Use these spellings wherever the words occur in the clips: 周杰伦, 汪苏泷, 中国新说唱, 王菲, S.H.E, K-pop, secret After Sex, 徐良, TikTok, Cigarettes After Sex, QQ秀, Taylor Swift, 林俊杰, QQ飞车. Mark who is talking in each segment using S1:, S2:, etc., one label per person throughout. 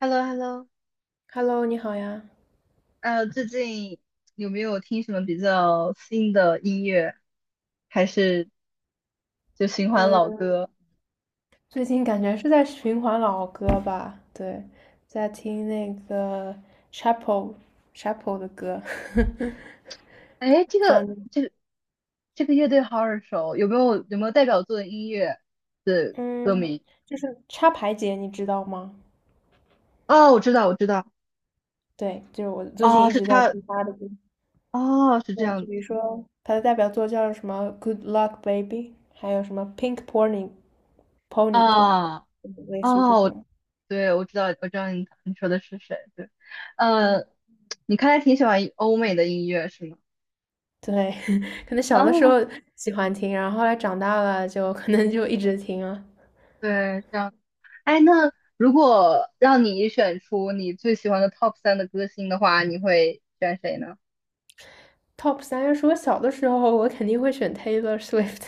S1: h e l l o h e l l o。
S2: Hello，你好呀。
S1: 最近有没有听什么比较新的音乐，还是就循环老
S2: 嗯，
S1: 歌？
S2: 最近感觉是在循环老歌吧？对，在听那个 c h a p e l c h a p e l 的歌，
S1: 哎，
S2: 不知道你，
S1: 这个乐队好耳熟，有没有代表作的音乐的歌
S2: 嗯，
S1: 名？
S2: 就是插排姐，你知道吗？
S1: 哦，我知道，我知道，
S2: 对，就是我最近
S1: 哦，
S2: 一
S1: 是
S2: 直在
S1: 他
S2: 听她的歌。
S1: 哦，是这
S2: 对，
S1: 样
S2: 就比
S1: 子。
S2: 如说她的代表作叫什么《Good Luck Baby》，还有什么《Pink Pony Club》，
S1: 啊，
S2: 类似于这
S1: 哦，我
S2: 种。
S1: 对，我知道你说的是谁，对，
S2: 嗯。
S1: 呃，你看来挺喜欢欧美的音乐是吗？
S2: 对，可能小的时候
S1: 哦，
S2: 喜欢听，然后后来长大了就可能就一直听了。
S1: 对，这样。哎，那如果让你选出你最喜欢的 top 3的歌星的话，你会选谁呢？
S2: Top 三要是我小的时候，我肯定会选 Taylor Swift，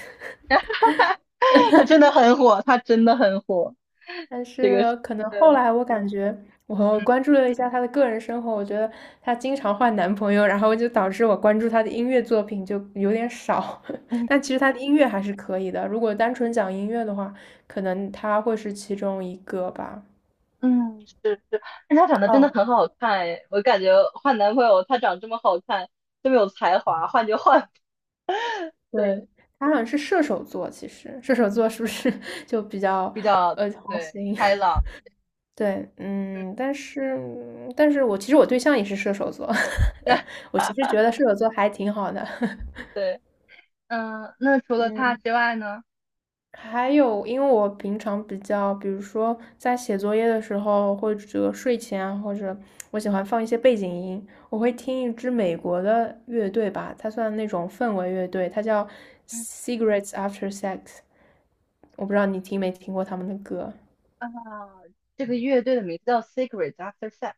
S1: 他真的很火，他真的很火。
S2: 但
S1: 这个是
S2: 是可 能
S1: 呃，
S2: 后来我感觉我关注了一下她的个人生活，我觉得她经常换男朋友，然后就导致我关注她的音乐作品就有点少。
S1: 嗯
S2: 但其实她的音乐还是可以的，如果单纯讲音乐的话，可能她会是其中一个吧。
S1: 嗯，是是，但他长得真的
S2: 哦，
S1: 很好看哎，我感觉换男朋友他长这么好看，这么有才华，换就换。
S2: 对，
S1: 对，
S2: 他好
S1: 嗯，
S2: 像是射手座，其实射手座是不是 就比较
S1: 比较，
S2: 花
S1: 对，
S2: 心？
S1: 开朗，
S2: 对，
S1: 嗯，
S2: 嗯，但是我其实我对象也是射手座，我其实觉得射手座还挺好的。
S1: 对，嗯，那除了他
S2: 嗯，
S1: 之外呢？
S2: 还有，因为我平常比较，比如说在写作业的时候，或者睡前啊或者我喜欢放一些背景音，我会听一支美国的乐队吧，它算那种氛围乐队，它叫
S1: 嗯，
S2: Cigarettes After Sex。我不知道你听没听过他们的歌，
S1: 啊，这个乐队的名字叫 s e c r e t After Sex。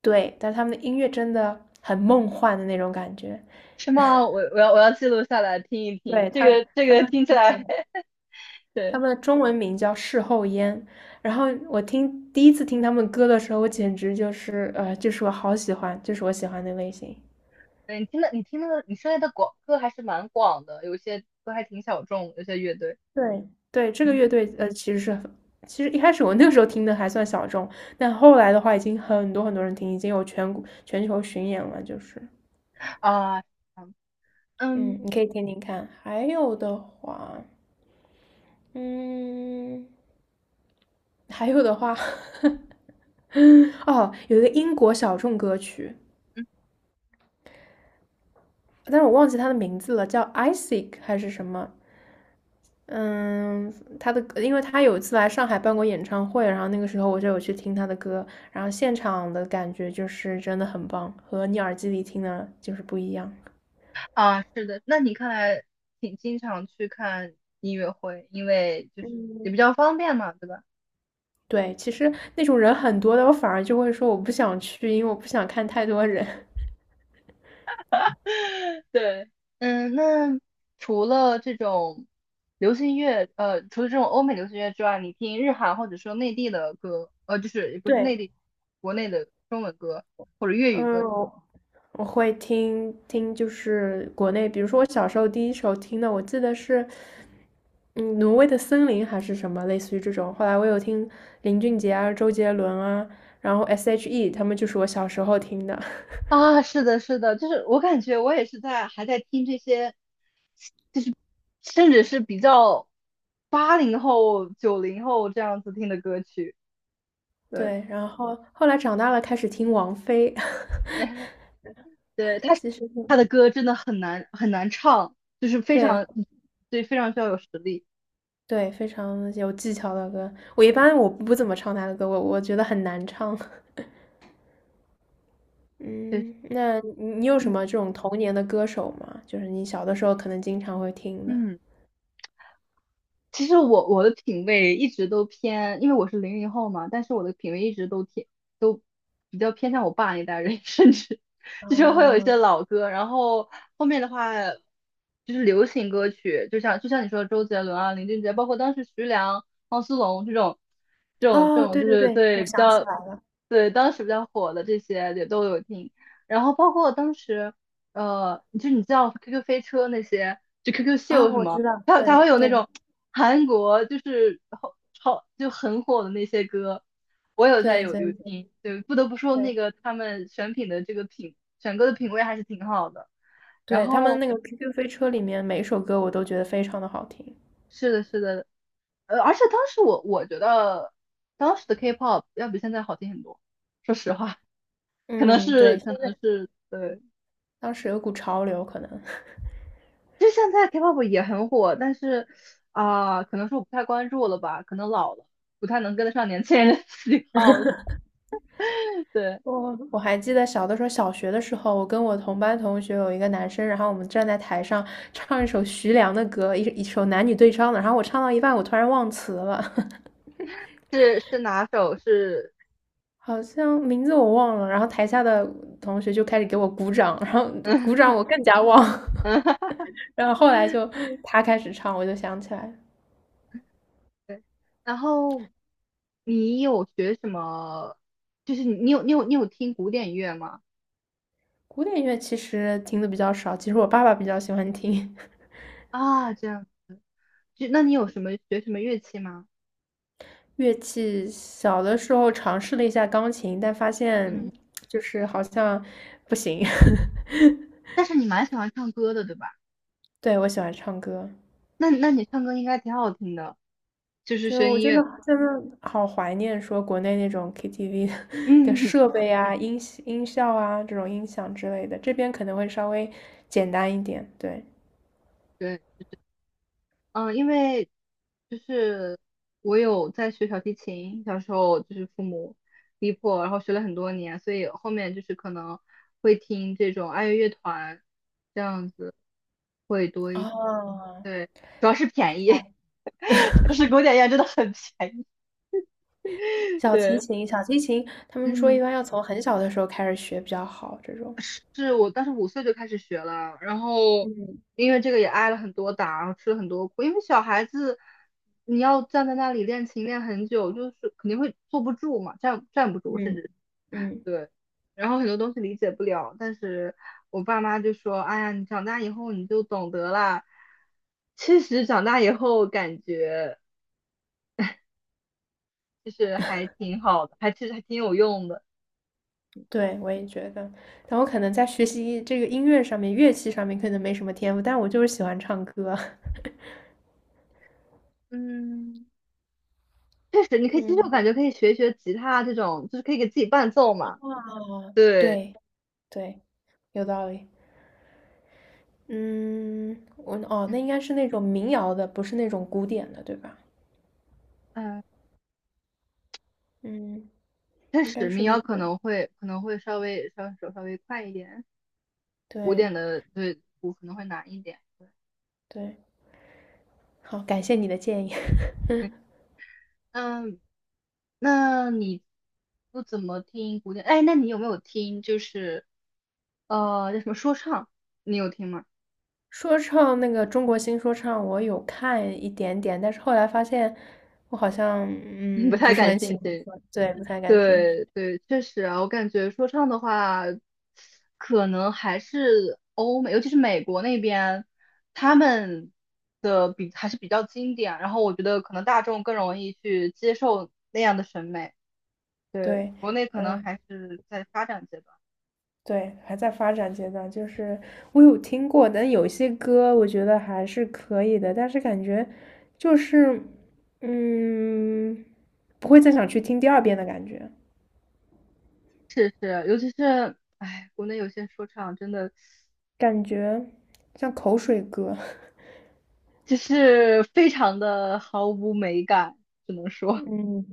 S2: 对，但他们的音乐真的很梦幻的那种感觉。
S1: 是吗？我要记录下来听一听，
S2: 对，
S1: 这个这
S2: 他
S1: 个
S2: 们
S1: 听起来
S2: 他
S1: 对，
S2: 们的中文名叫事后烟，然后我听第一次听他们歌的时候，我简直就是就是我好喜欢，就是我喜欢的类型。
S1: 对，你听的你涉猎的广歌还是蛮广的，有些歌还挺小众，有些乐队。
S2: 对对，这个
S1: 嗯，
S2: 乐队其实一开始我那个时候听的还算小众，但后来的话已经很多很多人听，已经有全国全球巡演了，就是
S1: 啊，嗯嗯
S2: 嗯，你可以听听看。嗯，还有的话，哦，有一个英国小众歌曲，
S1: 嗯，
S2: 但是我忘记它的名字了，叫 Isaac 还是什么？嗯，他的，因为他有一次来上海办过演唱会，然后那个时候我就有去听他的歌，然后现场的感觉就是真的很棒，和你耳机里听的就是不一样。
S1: 啊，是的，那你看来挺经常去看音乐会，因为就是也比
S2: 嗯，
S1: 较方便嘛，对吧？
S2: 对，其实那种人很多的，我反而就会说我不想去，因为我不想看太多人。
S1: 对，嗯，那除了这种流行乐，除了这种欧美流行乐之外，你听日韩或者说内地的歌，就是也不是内
S2: 对，
S1: 地，国内的中文歌或者粤语歌
S2: 嗯，
S1: 的
S2: 我会听听，就是国内，比如说我小时候第一首听的，我记得是，嗯，挪威的森林还是什么，类似于这种。后来我有听林俊杰啊、周杰伦啊，然后 S.H.E 他们就是我小时候听的。
S1: 啊，是的，是的，就是我感觉我也是在还在听这些，就是甚至是比较80后、90后这样子听的歌曲。对，
S2: 对，然后后来长大了开始听王菲，
S1: 那对，他
S2: 其实
S1: 他
S2: 挺
S1: 的歌真的很难很难唱，就是非常，
S2: 对
S1: 对，非常需要有实力。
S2: 对，非常有技巧的歌。我一般我不怎么唱她的歌，我觉得很难唱。
S1: 对。
S2: 嗯，那你有什
S1: 嗯
S2: 么这种童年的歌手吗？就是你小的时候可能经常会听的。
S1: 嗯，其实我的品味一直都偏，因为我是00后嘛，但是我的品味一直都偏都比较偏向我爸那代人，甚至就是会有一些
S2: 哦，
S1: 老歌，然后后面的话就是流行歌曲，就像你说的周杰伦啊、林俊杰，包括当时徐良、汪苏泷这种这种这
S2: 哦，
S1: 种
S2: 对
S1: 就
S2: 对
S1: 是
S2: 对，
S1: 对
S2: 我
S1: 比
S2: 想起
S1: 较
S2: 来了。
S1: 对当时比较火的这些也都有听，然后包括当时就你知道 QQ 飞车那些，就 QQ
S2: 啊、
S1: 秀什
S2: 我
S1: 么。
S2: 知道，
S1: 它
S2: 对
S1: 会有那
S2: 对
S1: 种韩国就是好超就很火的那些歌，我有在
S2: 对对
S1: 有有
S2: 对
S1: 听，对，不得不说那
S2: 对
S1: 个他们选品的这个品选歌的品味还是挺好的。然
S2: 对，他们
S1: 后
S2: 那个 QQ 飞车里面每一首歌我都觉得非常的好听。
S1: 是的，是的，而且当时我觉得当时的 K-pop 要比现在好听很多，说实话，可能
S2: 嗯，对，
S1: 是可能是对，
S2: 当时有股潮流，可能
S1: 就现在 K-pop 也很火，但是啊、可能是我不太关注了吧，可能老了，不太能跟得上年轻人的喜好。对。
S2: 我还记得小的时候，小学的时候，我跟我同班同学有一个男生，然后我们站在台上唱一首徐良的歌，一首男女对唱的，然后我唱到一半，我突然忘词了，
S1: 是是哪首？是，
S2: 好像名字我忘了，然后台下的同学就开始给我鼓掌，然后鼓掌
S1: 嗯
S2: 我更加忘，
S1: 嗯，
S2: 然后后来就他开始唱，我就想起来了
S1: 对。然后你有学什么？就是你有听古典乐吗？
S2: 古典乐其实听的比较少，其实我爸爸比较喜欢听
S1: 啊，这样，就那你有什么学什么乐器吗？
S2: 乐器。小的时候尝试了一下钢琴，但发
S1: 嗯，
S2: 现就是好像不行。
S1: 但是你蛮喜欢唱歌的，对吧？
S2: 对，我喜欢唱歌。
S1: 那你唱歌应该挺好听的，就是
S2: 对，
S1: 声
S2: 我
S1: 音
S2: 真的
S1: 乐，
S2: 真的好怀念说国内那种 KTV 的
S1: 嗯，
S2: 设备啊、音效啊、这种音响之类的，这边可能会稍微简单一点。对，
S1: 对。嗯，因为就是我有在学小提琴，小时候就是父母逼迫，然后学了很多年，所以后面就是可能会听这种爱乐乐团这样子会多一些。
S2: 哦，
S1: 对，主要是便
S2: 是
S1: 宜，
S2: 吧？
S1: 就是古典乐真的很便宜。
S2: 小提
S1: 对，
S2: 琴，小提琴，他们说一
S1: 嗯。
S2: 般要从很小的时候开始学比较好，这种。
S1: 是我当时5岁就开始学了，然后
S2: 嗯
S1: 因为这个也挨了很多打，然后吃了很多苦。因为小孩子，你要站在那里练琴练很久，就是肯定会坐不住嘛，站不住，甚
S2: 嗯
S1: 至
S2: 嗯，
S1: 对。然后很多东西理解不了，但是我爸妈就说："哎呀，你长大以后你就懂得啦。"其实，长大以后感觉就是还挺好的，还其实还挺有用的。
S2: 对，我也觉得。但我可能在学习这个音乐上面、乐器上面可能没什么天赋，但我就是喜欢唱歌。
S1: 嗯，确实，你可以，其实我
S2: 嗯，
S1: 感觉可以学一学吉他这种，就是可以给自己伴奏嘛。
S2: 啊，
S1: 对，
S2: 对对，有道理。嗯，哦，
S1: 嗯
S2: 那应该是那种民谣的，不是那种古典的，对吧？
S1: 嗯，
S2: 嗯，
S1: 确
S2: 应该
S1: 实，
S2: 是
S1: 民
S2: 那
S1: 谣可
S2: 种，
S1: 能会可能会稍微稍微快一点，古典
S2: 对
S1: 的对鼓可能会难一点。
S2: 对，好，感谢你的建议。
S1: 对，嗯，那你不怎么听古典？哎，那你有没有听就是叫什么说唱？你有听吗？
S2: 说唱那个中国新说唱，我有看一点点，但是后来发现我好像
S1: 不
S2: 不
S1: 太
S2: 是
S1: 感
S2: 很喜
S1: 兴趣。
S2: 欢，对，不太感兴趣。
S1: 对对，确实啊，我感觉说唱的话，可能还是欧美，尤其是美国那边，他们的还是比较经典。然后我觉得可能大众更容易去接受那样的审美。对，
S2: 对，
S1: 国内可能
S2: 嗯。
S1: 还是在发展阶段。
S2: 对，还在发展阶段，就是我有听过，但有些歌我觉得还是可以的，但是感觉就是，嗯，不会再想去听第二遍的感觉，
S1: 是是，尤其是哎，国内有些说唱真的
S2: 感觉像口水歌，
S1: 就是非常的毫无美感，只能 说。
S2: 嗯，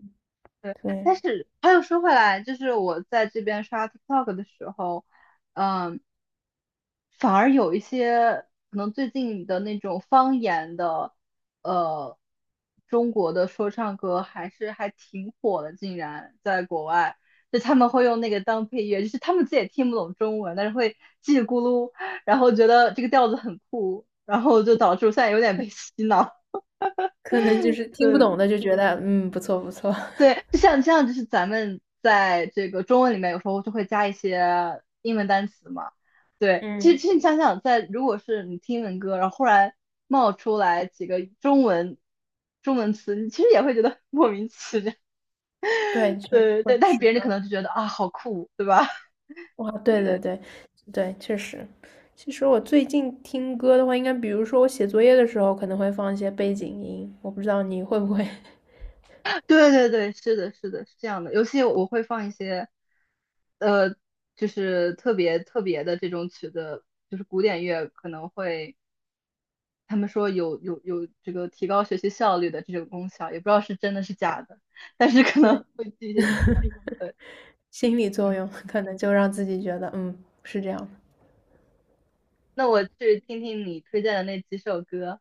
S1: 对，
S2: 对，
S1: 但是话又说回来，就是我在这边刷 TikTok 的时候，嗯，反而有一些可能最近的那种方言的，呃，中国的说唱歌还是还挺火的，竟然在国外，就他们会用那个当配乐，就是他们自己也听不懂中文，但是会叽里咕噜，然后觉得这个调子很酷，然后就导致我现在有点被洗脑。
S2: 可能就是 听不
S1: 对，
S2: 懂的就觉得，嗯，不错不错，
S1: 对，就像就是咱们在这个中文里面有时候就会加一些英文单词嘛。对，其实
S2: 嗯，
S1: 其实你想想在，如果是你听英文歌，然后忽然冒出来几个中文词，你其实也会觉得 莫名其妙。
S2: 对，就
S1: 对对，
S2: 会
S1: 但
S2: 是
S1: 别人可
S2: 的。
S1: 能就觉得啊，好酷，对吧？
S2: 哇，对对
S1: 对
S2: 对对，确实。其实我最近听歌的话，应该比如说我写作业的时候，可能会放一些背景音，我不知道你会不会
S1: 对对对，是的，是的，是这样的。尤其我会放一些呃，就是特别特别的这种曲子，就是古典乐可能会。他们说有这个提高学习效率的这种功效，也不知道是真的是假的，但是可能
S2: 对，
S1: 会寄一些希望。对，
S2: 心理作
S1: 嗯，
S2: 用可能就让自己觉得，嗯，是这样的。
S1: 那我去听听你推荐的那几首歌。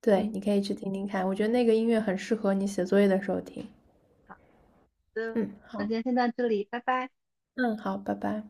S2: 对，
S1: 嗯，
S2: 你可以去听听看，我觉得那个音乐很适合你写作业的时候听。
S1: 好的，
S2: 嗯，
S1: 那
S2: 好，
S1: 今天先到这里，拜拜。
S2: 嗯，好，拜拜。